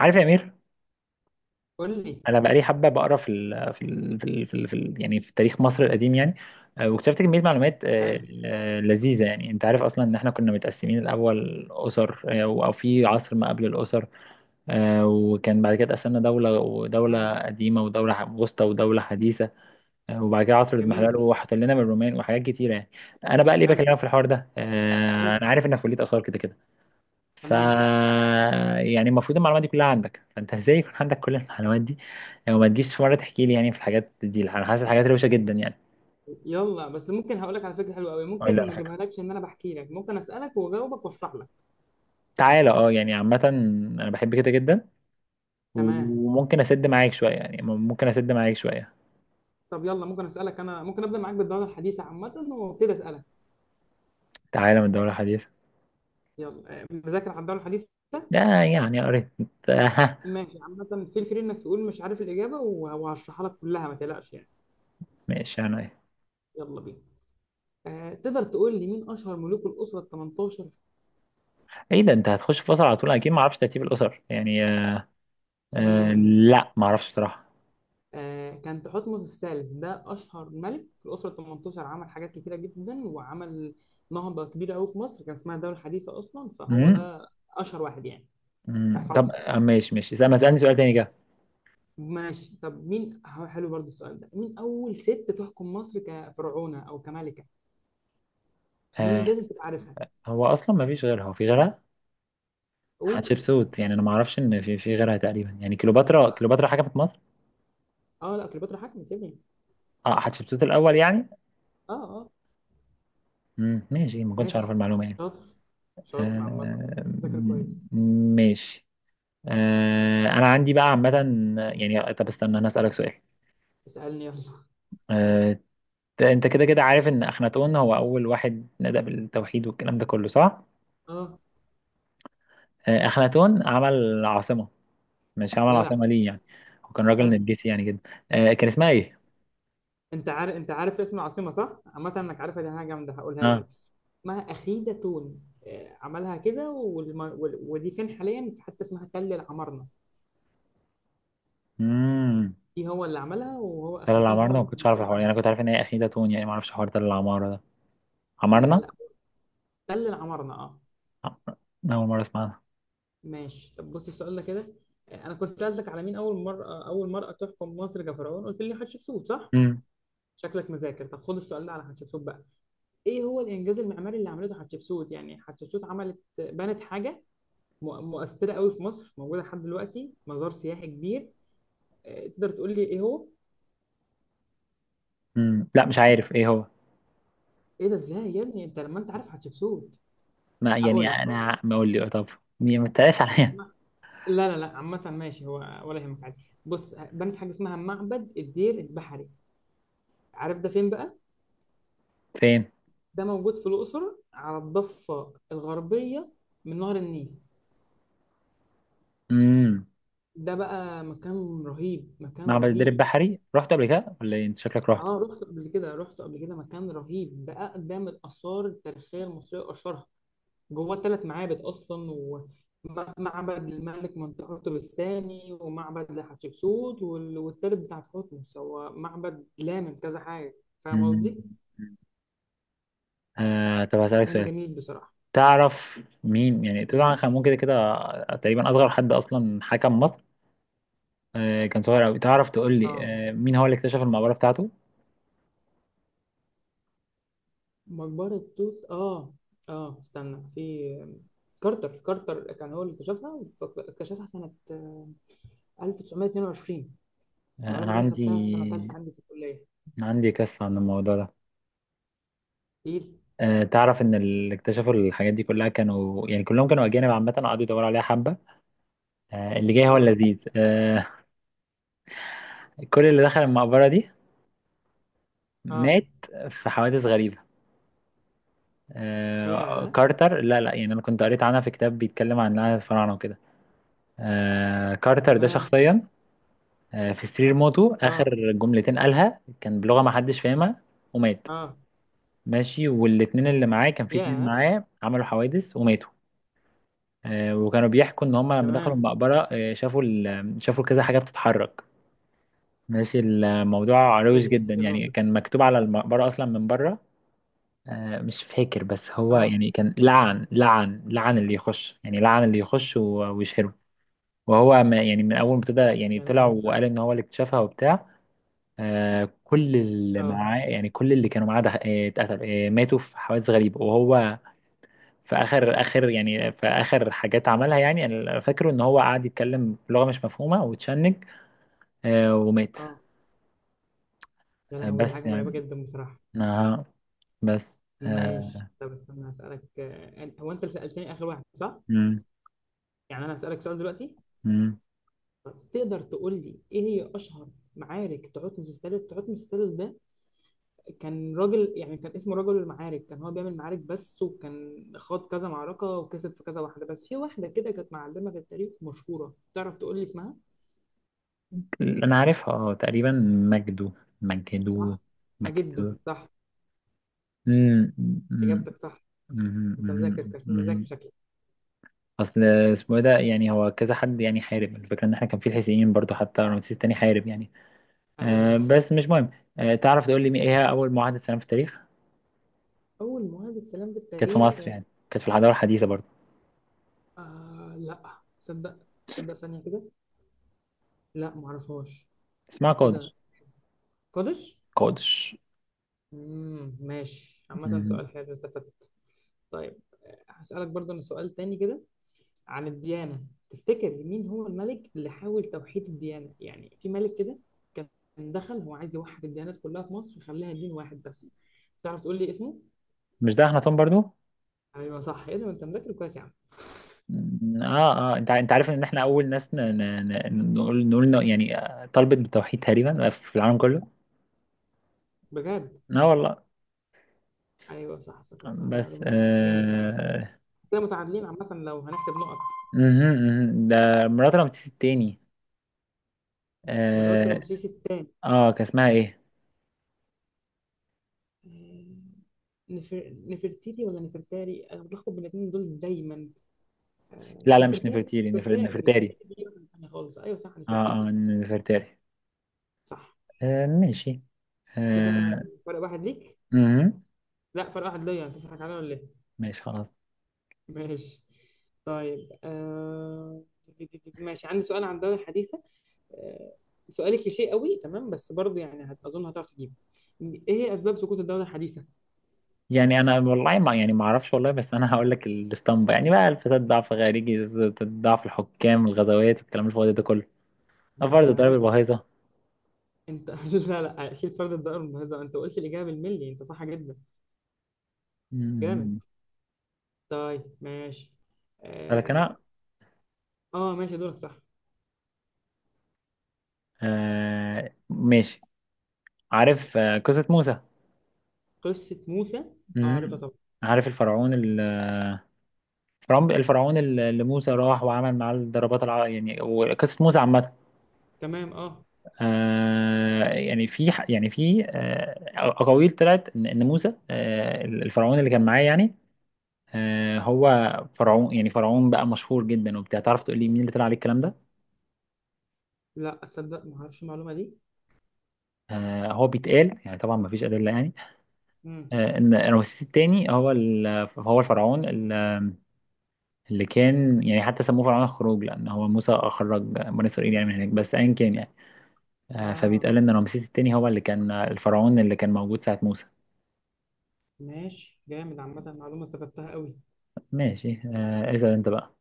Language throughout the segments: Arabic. عارف يا امير؟ قول لي. انا بقالي حبه بقرا ال في ال يعني في تاريخ مصر القديم يعني. واكتشفت كميه معلومات، حلو. لذيذه يعني. انت عارف اصلا ان احنا كنا متقسمين الاول اسر، او في عصر ما قبل الاسر. وكان بعد كده اتقسمنا دوله ودوله تمام. قديمه ودوله وسطى ودوله حديثه. وبعد كده عصر الاضمحلال جميل. وحط لنا من الرومان وحاجات كتيره يعني. انا بقى ليه حلو. بكلمك في الحوار ده؟ قول لي. انا عارف انك في كليه اثار كده كده. ف تمام. يعني المفروض المعلومات دي كلها عندك، فانت ازاي يكون عندك كل المعلومات دي؟ يعني ما تجيش في مره تحكي لي يعني في الحاجات دي؟ انا حاسس الحاجات روشه جدا يعني. يلا، بس ممكن هقول لك على فكره حلوه قوي. اه لا، ممكن على ما فكره اجيبها لكش، ان انا بحكي لك ممكن اسالك واجاوبك واشرح لك. تعالى. اه يعني عامه انا بحب كده جدا. تمام. وممكن اسد معاك شويه يعني ممكن اسد معاك شويه. طب يلا ممكن اسالك، انا ممكن ابدا معاك بالدوره الحديثه عامه وابتدي اسالك. تعالى من دوره حديثه. يلا، مذاكر على الدوره الحديثه. لا يعني قريت. ها. ماشي، عامه فيل فري انك تقول مش عارف الاجابه وهشرحها لك كلها، ما تقلقش يعني. ماشي، انا ايه. يلا بينا. تقدر تقول لي مين اشهر ملوك الاسره ال 18؟ ايه ده؟ انت هتخش في فصل على طول؟ اكيد ما اعرفش ترتيب الاسر يعني. آه، لا، ما اعرفش بصراحه. كان تحتمس الثالث، ده أشهر ملك في الأسرة 18، عمل حاجات كتيرة جدا، وعمل نهضة كبيرة أوي في مصر، كان اسمها الدولة الحديثة أصلا، فهو امم، ده أشهر واحد يعني. أمم، طب تحفظها. ماشي ماشي، ما اسالني سؤال تاني كده. ماشي، طب مين حلو برضو السؤال ده، مين أول ست تحكم مصر كفرعونة أو كملكة؟ دي آه، لازم تبقى عارفها. هو اصلا ما فيش غيرها، هو في غيرها؟ قول. حتشبسوت. يعني انا ما اعرفش ان في غيرها تقريبا يعني. كليوباترا، صح. كليوباترا حاجه في مصر. أه، لا، كليوباترا حكمت يا ابني. اه، حتشبسوت الاول يعني. أه. أه. مم. ماشي، ما كنتش اعرف ماشي. المعلومه يعني. شاطر. شاطر عامة. آه. ذاكر م- كويس. ماشي. آه، انا عندي بقى عامه، يعني طب استنى انا اسالك سؤال. اسألني يلا. آه، انت كده كده عارف ان اخناتون هو اول واحد نادى بالتوحيد والكلام ده كله، صح؟ أه. آه، اخناتون عمل عاصمه. مش عمل جدع. عاصمه ليه يعني؟ هو كان راجل حلو. نرجسي يعني جدا. آه، كان اسمها ايه؟ انت عارف، انت عارف اسم العاصمه صح، عامه انك عارفها، دي حاجه جامده هقولها لك. اه. اسمها اخيدة تون. عملها كده، ودي فين حاليا، في حته اسمها تل العمارنه. مم. دي هو اللي عملها، وهو تل اخناتون هو العمارنة، ما اللي كان كنتش عارف مسؤول الحوار يعني. عنها. أنا كنت عارف إن هي أخيدة تون يعني، ما أعرفش حوار تل العمارة ده. لا عمارنة؟ لا، تل العمارنه، اه. عمارة. ده. عمرنا أول مرة أسمعها. ماشي، طب بص السؤال ده كده. انا كنت سالتك على مين اول مره اول مرأة تحكم مصر كفرعون، قلت لي حتشبسوت صح. امم. شكلك مذاكر، طب خد السؤال ده على حتشبسوت بقى. ايه هو الانجاز المعماري اللي عملته حتشبسوت؟ يعني حتشبسوت عملت بنت حاجه مؤثره قوي في مصر، موجوده لحد دلوقتي، مزار سياحي كبير. تقدر تقول لي ايه هو؟ امم، لا، مش عارف إيه هو. ايه ده، ازاي يا ابني انت لما انت عارف هتشبسوت! ما يعني هقول لك. أنا، ما أقول لي طب. ما تتقلاش عليا. ما- لا لا لا، عامه ماشي. هو ولا يهمك، عادي. بص، بنت حاجه اسمها معبد الدير البحري، عارف ده فين بقى؟ فين؟ ده موجود في الاقصر، على الضفه الغربيه من نهر النيل. امم. ده بقى مكان رهيب، مكان معبد الدرب رهيب البحري، رحت قبل كده ولا إيه؟ أنت شكلك اه، رحته. رحت قبل كده، مكان رهيب، ده اقدم الاثار التاريخيه المصريه واشهرها. جوه الثلاث معابد اصلا، ومعبد الملك منتخرطب الثاني، ومعبد لحتشبسوت، والتالت بتاع تحتمس، هو معبد لامم كذا حاجه. فاهم امم. قصدي. آه، طب هسألك مكان سؤال. جميل بصراحه. تعرف مين يعني توت عنخ ماشي. آمون كده كده. تقريبا أصغر حد أصلا حكم مصر. آه، كان صغير أوي. تعرف تقول لي اه، آه، مين هو اللي اكتشف المقبرة بتاعته؟ مقبره توت، اه. اه استنى، في كارتر، كارتر كان هو اللي اكتشفها، اكتشفها سنه 1922. آه، أنا المعلومه دي انا عندي، خدتها في سنه ثالثه عندي في الكليه. أنا عندي قصة عن الموضوع ده. تقيل. تعرف ان اللي اكتشفوا الحاجات دي كلها كانوا يعني كلهم كانوا اجانب عامه، قعدوا يدوروا عليها حبه. اللي جاي هو اه. اللذيذ. كل اللي دخل المقبره دي اه. مات، في حوادث غريبه. ياه. كارتر، لا لا، يعني انا كنت قريت عنها في كتاب بيتكلم عن لعنه الفراعنه وكده. كارتر ده تمام. شخصيا، في سرير موته اخر اه. جملتين قالها كان بلغه ما حدش فاهمها، ومات. اه. ماشي، والاتنين اللي معاه، كان في اتنين يا. معاه، عملوا حوادث وماتوا. وكانوا بيحكوا ان هم لما دخلوا تمام. المقبره، شافوا شافوا كذا حاجه بتتحرك. ماشي، الموضوع ايه روش ده، جدا ايه الرعب يعني. ده؟ كان مكتوب على المقبره اصلا من بره، مش فاكر، بس هو اه. يعني كان لعن لعن لعن اللي يخش يعني، لعن اللي يخش ويشهره. وهو ما يعني من اول ما ابتدى يعني يا طلع لهوي. وقال ان هو اللي اكتشفها وبتاع. كل اللي اه. معاه يعني، كل اللي كانوا معاه اتقتلوا، ماتوا في حوادث غريبه. وهو في اخر اخر يعني، في اخر حاجات عملها يعني انا فاكره ان هو قعد يتكلم بلغه مش مفهومه وتشنج، آه، ومات. اه. يا آه لهوي، دي حاجه بس مرعبه يعني. جدا بصراحه. آه بس. ماشي، آه. طب استنى هسألك. هو انت اللي سألتني اخر واحد صح؟ مم. يعني انا هسألك سؤال دلوقتي. مم. طب تقدر تقول لي ايه هي اشهر معارك تعوتمس الثالث؟ تعوتمس الثالث ده كان راجل يعني، كان اسمه رجل المعارك، كان هو بيعمل معارك بس، وكان خاض كذا معركه وكسب في كذا واحده، بس في واحده كده كانت معلمه في التاريخ مشهوره، تعرف تقول لي اسمها؟ انا عارفها اه تقريبا. مجدو. مجدو. صح؟ مجده، مجدو. صح. مم، مم، اجابتك صح. مم، انت مم. مذاكر مم. شكلك. اصل اسمه إيه ده يعني؟ هو كذا حد يعني حارب الفكره ان احنا كان في الحسينيين برضو، حتى رمسيس التاني حارب يعني. ايوه آه صح. بس مش مهم. آه، تعرف تقول لي ايه هي اول معاهده سلام في التاريخ؟ اول مواد السلام في كانت في التاريخ. مصر يعني، كانت في الحضارة الحديثة برضو. آه لا تصدق، تصدق ثانيه كده، لا معرفهاش. اسمها ايه ده، قادش. قادش. قادش. امم، ماشي عامه، مم. سؤال حلو، استفدت. طيب، هسألك برضه أنا سؤال تاني كده عن الديانة. تفتكر مين هو الملك اللي حاول توحيد الديانة؟ يعني في ملك كده كان دخل، هو عايز يوحد الديانات كلها في مصر ويخليها دين واحد بس، تعرف تقول لي اسمه؟ مش ده أخناتون برضو؟ ايوه صح، ايه ده، ما انت مذاكر كويس يا عم! مم. اه اه، انت انت عارف ان احنا اول ناس ن... ن... ن... نقول نقول إنه يعني، طلبت بالتوحيد تقريبا، في العالم كله. بجد. اه والله. ايوه صح، افتكرتها، بس المعلومه دي جامد عامه. آه. كده متعادلين عامه لو هنحسب نقط. مهم، مهم. ده مرات رمسيس التاني. مرات اه. رمسيس الثاني. آه، كان اسمها ايه؟ نفرتيتي ولا نفرتاري، انا بتلخبط بين الاثنين دول دايما. لا لا، مش نفرتاري، نفرتيري، نفرتاري نفرتاري. نفرتاري دي واحدة تانية خالص، ايوه صح اه. نفرتيتي. اه، نفرتاري. صح. آه ماشي. كده آه. فرق واحد ليك. مهم. لا، فرق واحد ليا، انت بتضحك عليا ولا ايه. ماشي خلاص. ماشي. طيب، ماشي، عندي سؤال عن الدوري الحديثة. آه، سؤال كليشيه قوي، تمام، بس برضه يعني اظن هتعرف تجيبه. ايه هي اسباب سقوط الدوله الحديثه؟ يعني انا والله ما يعني ما اعرفش والله، بس انا هقول لك الاسطمبه يعني بقى: الفساد، ضعف خارجي، ضعف الحكام، الغزوات والكلام الفاضي ده كله. ده انت فرض ضرب قلت. الباهظه. انت لا لا، شيل فرد الدائره الممتازه، انت قلت الاجابه بالملي، انت صح جدا. أمم. جامد. طيب ماشي. لكن انا اه. آه ماشي، دورك صح. آه ماشي. عارف آه قصه موسى؟ قصه موسى. اه عارفها أمم. طبعا. عارف الفرعون الفرعون، الفرعون اللي موسى راح وعمل معاه الضربات يعني. وقصه موسى عامه. تمام، اه. آه، يعني في يعني في آه اقاويل طلعت ان إن موسى، آه، الفرعون اللي كان معاه يعني، آه، هو فرعون يعني، فرعون بقى مشهور جدا وبتاع. تعرف تقول لي مين اللي طلع عليه الكلام ده؟ لا تصدق، ما اعرفش المعلومه دي. آه، هو بيتقال يعني، طبعا ما فيش ادله يعني، امم. آه، ان رمسيس الثاني هو هو الفرعون اللي كان يعني، حتى سموه فرعون الخروج لان هو موسى اخرج بني اسرائيل يعني من هناك بس ايا كان يعني. آه، اه. فبيتقال ان رمسيس الثاني هو اللي كان الفرعون اللي كان موجود ساعه موسى. ماشي جامد عامه، معلومه استفدتها قوي. ماشي. آه، اسال انت بقى.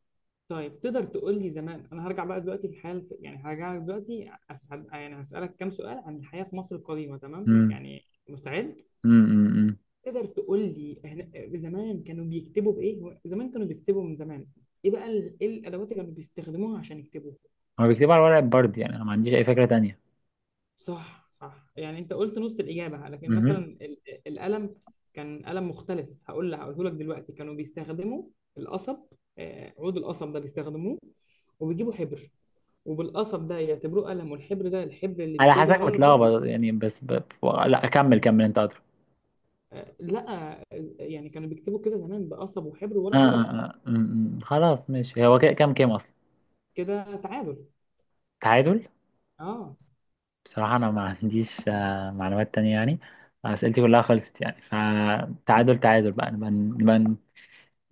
طيب، تقدر تقول لي زمان، انا هرجع بقى دلوقتي في يعني هرجع لك دلوقتي، يعني هسالك كام سؤال عن الحياه في مصر القديمه، تمام، امم. يعني مستعد؟ امم. تقدر تقول لي زمان كانوا بيكتبوا بايه؟ زمان كانوا بيكتبوا من زمان، ايه بقى ايه الادوات اللي كانوا بيستخدموها عشان يكتبوا؟ هو بيكتبوا على ورق برد يعني، انا ما عنديش اي فكره صح صح، يعني انت قلت نص الاجابه، لكن مثلا تانية. القلم كان قلم مختلف. هقول لك، هقوله لك دلوقتي، كانوا بيستخدموا القصب. عود القصب ده بيستخدموه، وبيجيبوا حبر، وبالقصب ده يعتبروه قلم، والحبر ده الحبر اللي على بيكتبوا بيه حسك على ورق البردي. متلخبط يعني بس ب. لا، كمل كمل انت ادرى. لا، يعني كانوا بيكتبوا كده زمان، بقصب وحبر آه وورق آه بردي. آه. م- م. خلاص، ماشي. هو كده كام؟ كام اصلا؟ كده تعادل. تعادل. اه. بصراحة انا ما عنديش آه معلومات تانية يعني. اسئلتي كلها خلصت يعني، فتعادل تعادل. بقى نبقى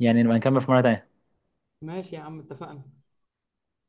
يعني، نبقى نكمل في مرة تانية. ماشي يا عم، اتفقنا.